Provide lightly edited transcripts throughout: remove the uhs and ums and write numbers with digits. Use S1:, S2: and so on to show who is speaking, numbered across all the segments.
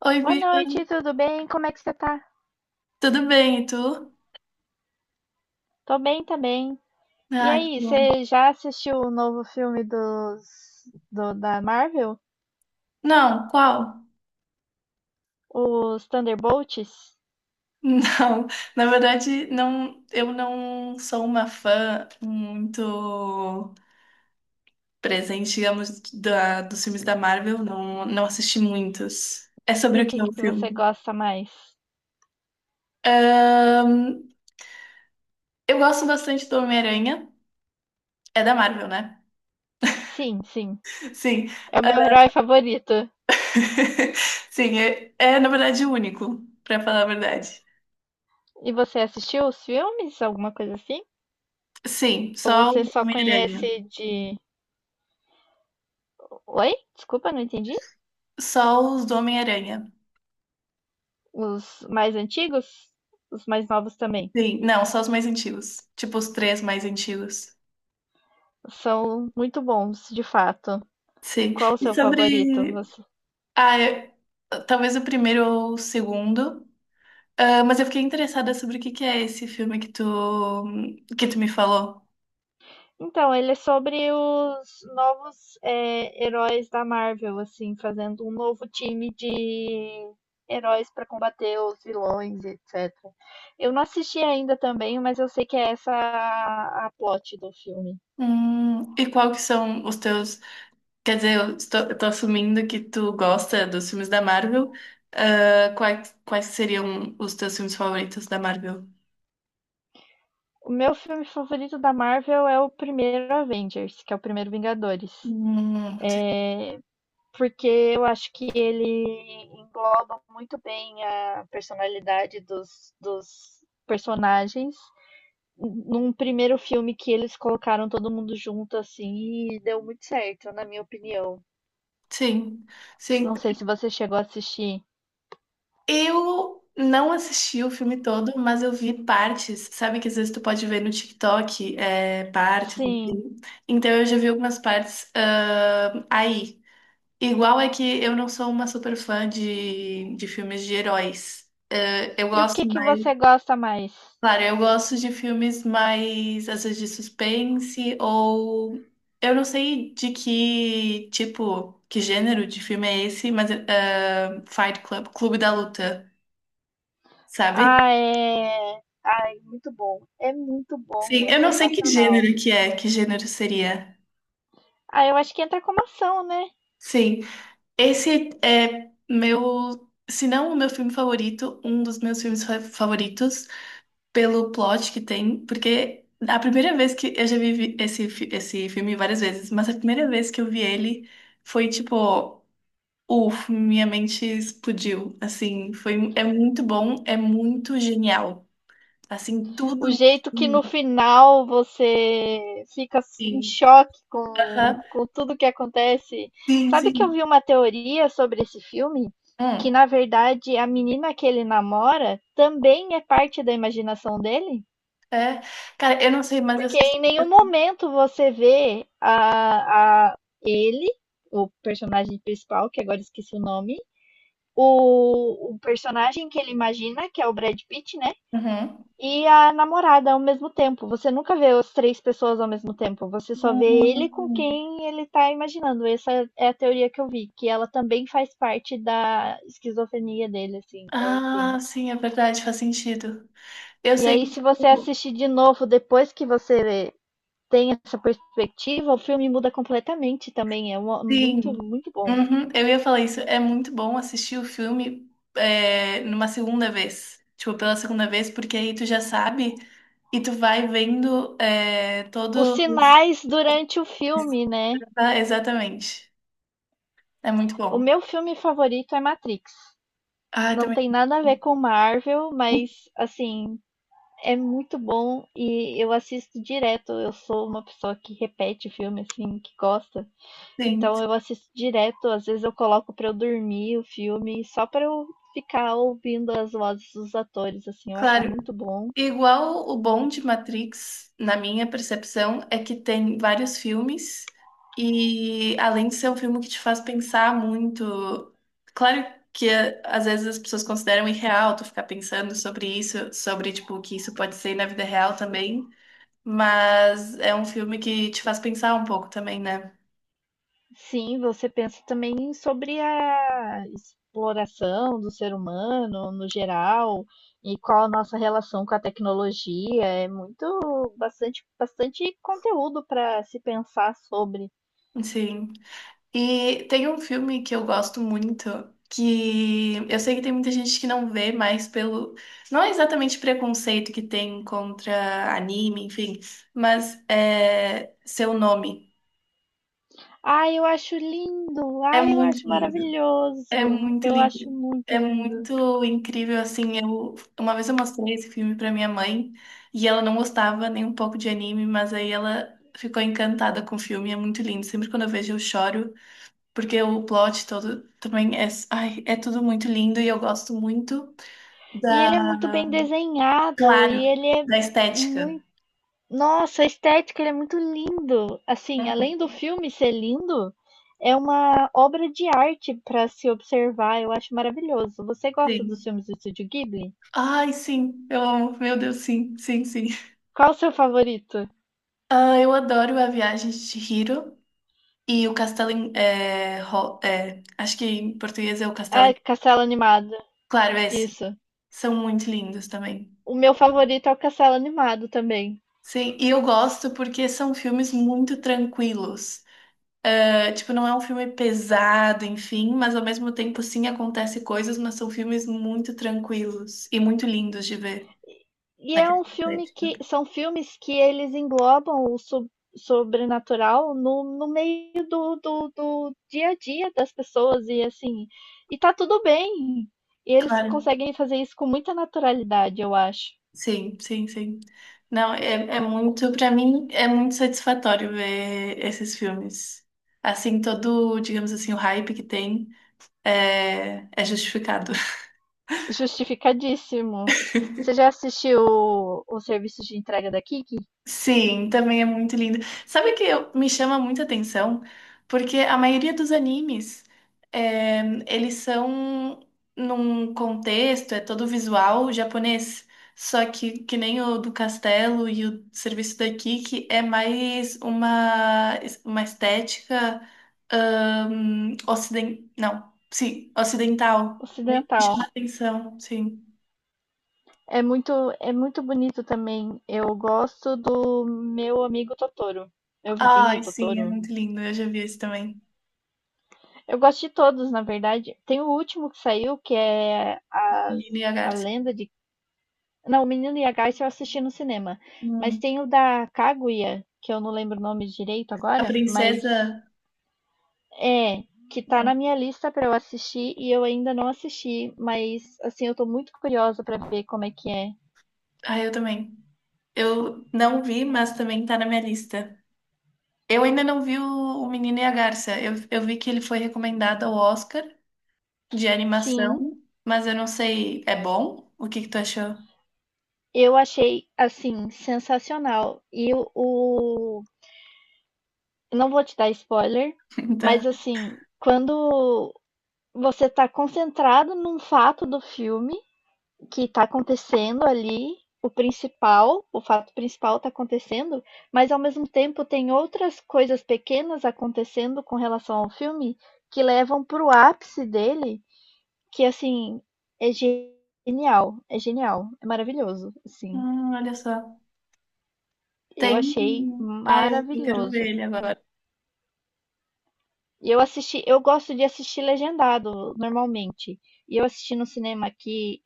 S1: Oi,
S2: Boa
S1: Bia,
S2: noite, tudo bem? Como é que você tá?
S1: tudo bem? E tu?
S2: Tô bem também. E
S1: Ai, que
S2: aí,
S1: bom.
S2: você já assistiu o novo filme da Marvel?
S1: Não, qual?
S2: Os Thunderbolts?
S1: Não, na verdade, não, eu não sou uma fã muito presente, digamos, dos filmes da Marvel, não, não assisti muitos. É
S2: E
S1: sobre
S2: o
S1: o
S2: que
S1: que é o
S2: que você
S1: filme?
S2: gosta mais?
S1: Ahn, eu gosto bastante do Homem-Aranha, é da Marvel, né?
S2: Sim, sim.
S1: Sim,
S2: É o meu herói favorito.
S1: sim, é na verdade o único, pra falar a verdade.
S2: E você assistiu os filmes? Alguma coisa assim?
S1: Sim,
S2: Ou
S1: só
S2: você
S1: o
S2: só
S1: Homem-Aranha.
S2: conhece de. Oi? Desculpa, não entendi.
S1: Só os do Homem-Aranha.
S2: Os mais antigos? Os mais novos também.
S1: Sim, não, só os mais antigos. Tipo, os três mais antigos.
S2: São muito bons, de fato.
S1: Sim.
S2: Qual o
S1: E
S2: seu favorito?
S1: sobre. Ah, talvez o primeiro ou o segundo. Ah, mas eu fiquei interessada sobre o que que é esse filme que tu me falou.
S2: Então, ele é sobre os novos, heróis da Marvel, assim, fazendo um novo time de heróis para combater os vilões, etc. Eu não assisti ainda também, mas eu sei que é essa a plot do filme.
S1: E qual que são os teus. Quer dizer, eu tô assumindo que tu gosta dos filmes da Marvel. Ah, quais seriam os teus filmes favoritos da Marvel?
S2: O meu filme favorito da Marvel é o primeiro Avengers, que é o primeiro Vingadores.
S1: Hum,
S2: Porque eu acho que ele engloba muito bem a personalidade dos personagens num primeiro filme que eles colocaram todo mundo junto assim e deu muito certo, na minha opinião.
S1: sim, sim.
S2: Não sei se você chegou a assistir.
S1: Eu não assisti o filme todo, mas eu vi partes. Sabe que às vezes tu pode ver no TikTok, partes,
S2: Sim.
S1: enfim. Então eu já vi algumas partes, aí. Igual é que eu não sou uma super fã de filmes de heróis. Eu
S2: E o que
S1: gosto
S2: que
S1: mais.
S2: você gosta mais?
S1: Claro, eu gosto de filmes mais, às vezes, de suspense, ou. Eu não sei de que tipo, que gênero de filme é esse, mas Fight Club, Clube da Luta, sabe?
S2: Ah, é. Ai, muito bom. É muito bom,
S1: Sim,
S2: é
S1: eu não sei que
S2: sensacional.
S1: gênero que é, que gênero seria.
S2: Ah, eu acho que entra como ação, né?
S1: Sim, esse é meu, se não o meu filme favorito, um dos meus filmes favoritos, pelo plot que tem, porque a primeira vez que eu já vi esse filme várias vezes, mas a primeira vez que eu vi ele foi tipo, uff, minha mente explodiu, assim, foi, é muito bom, é muito genial, assim, tudo
S2: O
S1: no
S2: jeito que no
S1: filme,
S2: final você fica em
S1: sim,
S2: choque
S1: aham,
S2: com tudo que acontece.
S1: sim,
S2: Sabe que eu
S1: sim.
S2: vi uma teoria sobre esse filme? Que
S1: Hum.
S2: na verdade a menina que ele namora também é parte da imaginação dele?
S1: É, cara, eu não sei, mas eu
S2: Porque
S1: sou.
S2: em nenhum
S1: super-
S2: momento você vê ele, o personagem principal, que agora esqueci o nome, o personagem que ele imagina, que é o Brad Pitt, né?
S1: Uhum.
S2: E a namorada ao mesmo tempo. Você nunca vê as três pessoas ao mesmo tempo. Você só vê ele com
S1: Hum.
S2: quem ele tá imaginando. Essa é a teoria que eu vi, que ela também faz parte da esquizofrenia dele, assim. Então, assim.
S1: Ah, sim, é verdade, faz sentido. Eu
S2: E
S1: sei
S2: aí,
S1: que,
S2: se você
S1: tipo,
S2: assistir de novo depois que você tem essa perspectiva, o filme muda completamente também. É muito,
S1: sim.
S2: muito bom.
S1: Uhum, eu ia falar isso. É muito bom assistir o filme numa segunda vez. Tipo, pela segunda vez, porque aí tu já sabe e tu vai vendo
S2: Os
S1: todos.
S2: sinais durante o filme, né?
S1: Exatamente. É muito
S2: O
S1: bom.
S2: meu filme favorito é Matrix.
S1: Ah,
S2: Não
S1: também.
S2: tem nada a ver com Marvel, mas assim, é muito bom e eu assisto direto. Eu sou uma pessoa que repete filme, assim, que gosta.
S1: Sim.
S2: Então eu assisto direto. Às vezes eu coloco pra eu dormir o filme, só pra eu ficar ouvindo as vozes dos atores, assim. Eu acho
S1: Claro,
S2: muito bom.
S1: igual o bom de Matrix, na minha percepção, é que tem vários filmes e além de ser um filme que te faz pensar muito, claro que às vezes as pessoas consideram irreal tu ficar pensando sobre isso, sobre tipo o que isso pode ser na vida real também, mas é um filme que te faz pensar um pouco também, né?
S2: Sim, você pensa também sobre a exploração do ser humano no geral e qual a nossa relação com a tecnologia. É muito, bastante, bastante conteúdo para se pensar sobre.
S1: Sim. E tem um filme que eu gosto muito, que eu sei que tem muita gente que não vê, mais pelo. Não é exatamente preconceito que tem contra anime, enfim, mas é Seu Nome.
S2: Ai, eu acho lindo!
S1: É
S2: Ai, eu
S1: muito
S2: acho
S1: lindo. É
S2: maravilhoso!
S1: muito
S2: Eu
S1: lindo.
S2: acho muito
S1: É
S2: lindo.
S1: muito incrível, assim. Uma vez eu mostrei esse filme pra minha mãe e ela não gostava nem um pouco de anime, mas aí ela ficou encantada com o filme, é muito lindo. Sempre quando eu vejo eu choro. Porque o plot todo também é, ai, é tudo muito lindo e eu gosto muito
S2: E ele é
S1: da,
S2: muito bem desenhado e
S1: claro,
S2: ele é
S1: da estética.
S2: muito. Nossa, a estética, ele é muito lindo. Assim,
S1: Uhum.
S2: além do filme ser lindo, é uma obra de arte para se observar. Eu acho maravilhoso. Você gosta dos
S1: Sim.
S2: filmes do Estúdio Ghibli?
S1: Ai, sim, eu amo. Meu Deus, sim, sim, sim.
S2: Qual o seu favorito?
S1: Ah, eu adoro A Viagem de Chihiro e o Castelo em, é, é, acho que em português é o Castelo
S2: É
S1: em,
S2: Castelo Animado.
S1: claro, é esse.
S2: Isso.
S1: São muito lindos também.
S2: O meu favorito é o Castelo Animado também.
S1: Sim, e eu gosto porque são filmes muito tranquilos. É, tipo, não é um filme pesado, enfim, mas ao mesmo tempo sim acontece coisas, mas são filmes muito tranquilos e muito lindos de ver
S2: E
S1: na
S2: é
S1: questão
S2: um filme
S1: estética.
S2: que são filmes que eles englobam o sobrenatural no, no meio do dia a dia das pessoas e assim, e tá tudo bem. E eles
S1: Claro,
S2: conseguem fazer isso com muita naturalidade, eu acho.
S1: sim, sim, sim. Não, é, é muito, pra mim, é muito satisfatório ver esses filmes. Assim, todo, digamos assim, o hype que tem é, é justificado.
S2: Justificadíssimo. Você já assistiu o serviço de entrega da Kiki?
S1: Sim, também é muito lindo. Sabe o que me chama muita atenção? Porque a maioria dos animes, é, eles são num contexto, é todo visual japonês. Só que nem o do Castelo e o serviço daqui, que é mais uma estética ociden não, sim, ocidental. Me chama
S2: Ocidental.
S1: atenção, sim.
S2: É muito, é muito bonito também. Eu gosto do meu amigo Totoro, meu vizinho
S1: Ai, sim, é
S2: Totoro.
S1: muito lindo. Eu já vi esse também.
S2: Eu gosto de todos, na verdade. Tem o último que saiu, que é as,
S1: Lina e a
S2: a
S1: Garça.
S2: lenda de. Não, o Menino e a Garça eu assisti no cinema. Mas tem o da Kaguya, que eu não lembro o nome direito
S1: A
S2: agora,
S1: princesa.
S2: mas é, que tá na
S1: hum,
S2: minha lista pra eu assistir e eu ainda não assisti. Mas, assim, eu tô muito curiosa pra ver como é que é.
S1: Ah, eu também. Eu não vi, mas também tá na minha lista. Eu ainda não vi o Menino e a Garça. Eu vi que ele foi recomendado ao Oscar de
S2: Sim,
S1: animação, mas eu não sei. É bom? O que que tu achou?
S2: eu achei, assim, sensacional. Não vou te dar spoiler,
S1: Tá.
S2: mas assim, quando você tá concentrado num fato do filme que tá acontecendo ali, o principal, o fato principal tá acontecendo, mas ao mesmo tempo tem outras coisas pequenas acontecendo com relação ao filme que levam pro ápice dele, que assim, é genial, é genial, é maravilhoso, assim.
S1: Olha só.
S2: Eu achei
S1: Ah, eu quero
S2: maravilhoso.
S1: ver ele agora.
S2: E eu assisti, eu gosto de assistir legendado normalmente. E eu assisti no cinema aqui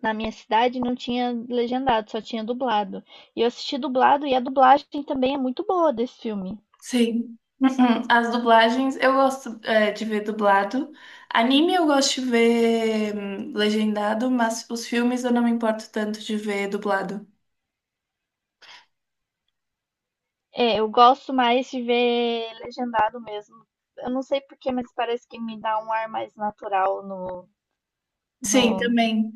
S2: na minha cidade não tinha legendado, só tinha dublado. E eu assisti dublado e a dublagem também é muito boa desse filme.
S1: Sim. Uhum. As dublagens, eu gosto, de ver dublado. Anime eu gosto de ver legendado, mas os filmes eu não me importo tanto de ver dublado.
S2: É, eu gosto mais de ver legendado mesmo. Eu não sei porquê, mas parece que me dá um ar mais natural
S1: Sim,
S2: no...
S1: também.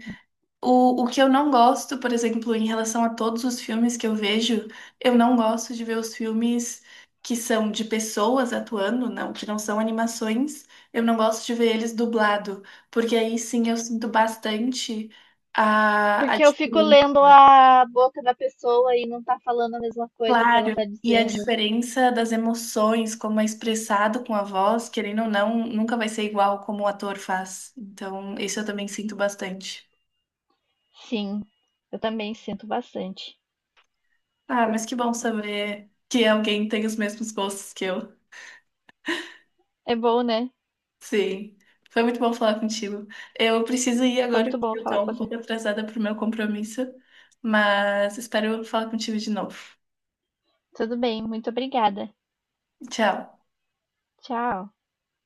S1: O que eu não gosto, por exemplo, em relação a todos os filmes que eu vejo, eu não gosto de ver os filmes que são de pessoas atuando, não, que não são animações. Eu não gosto de ver eles dublado, porque aí sim eu sinto bastante a
S2: Porque eu fico
S1: diferença,
S2: lendo a boca da pessoa e não tá falando a mesma coisa que ela
S1: claro,
S2: tá
S1: e a
S2: dizendo.
S1: diferença das emoções, como é expressado com a voz, querendo ou não, nunca vai ser igual como o ator faz. Então, isso eu também sinto bastante.
S2: Sim, eu também sinto bastante.
S1: Ah, mas que bom saber que alguém tem os mesmos gostos que eu.
S2: É bom, né?
S1: Sim, foi muito bom falar contigo. Eu preciso ir
S2: Foi
S1: agora,
S2: muito bom
S1: porque eu
S2: falar
S1: tô
S2: com
S1: um
S2: você.
S1: pouco atrasada pro meu compromisso, mas espero falar contigo de novo.
S2: Tudo bem, muito obrigada.
S1: Tchau.
S2: Tchau.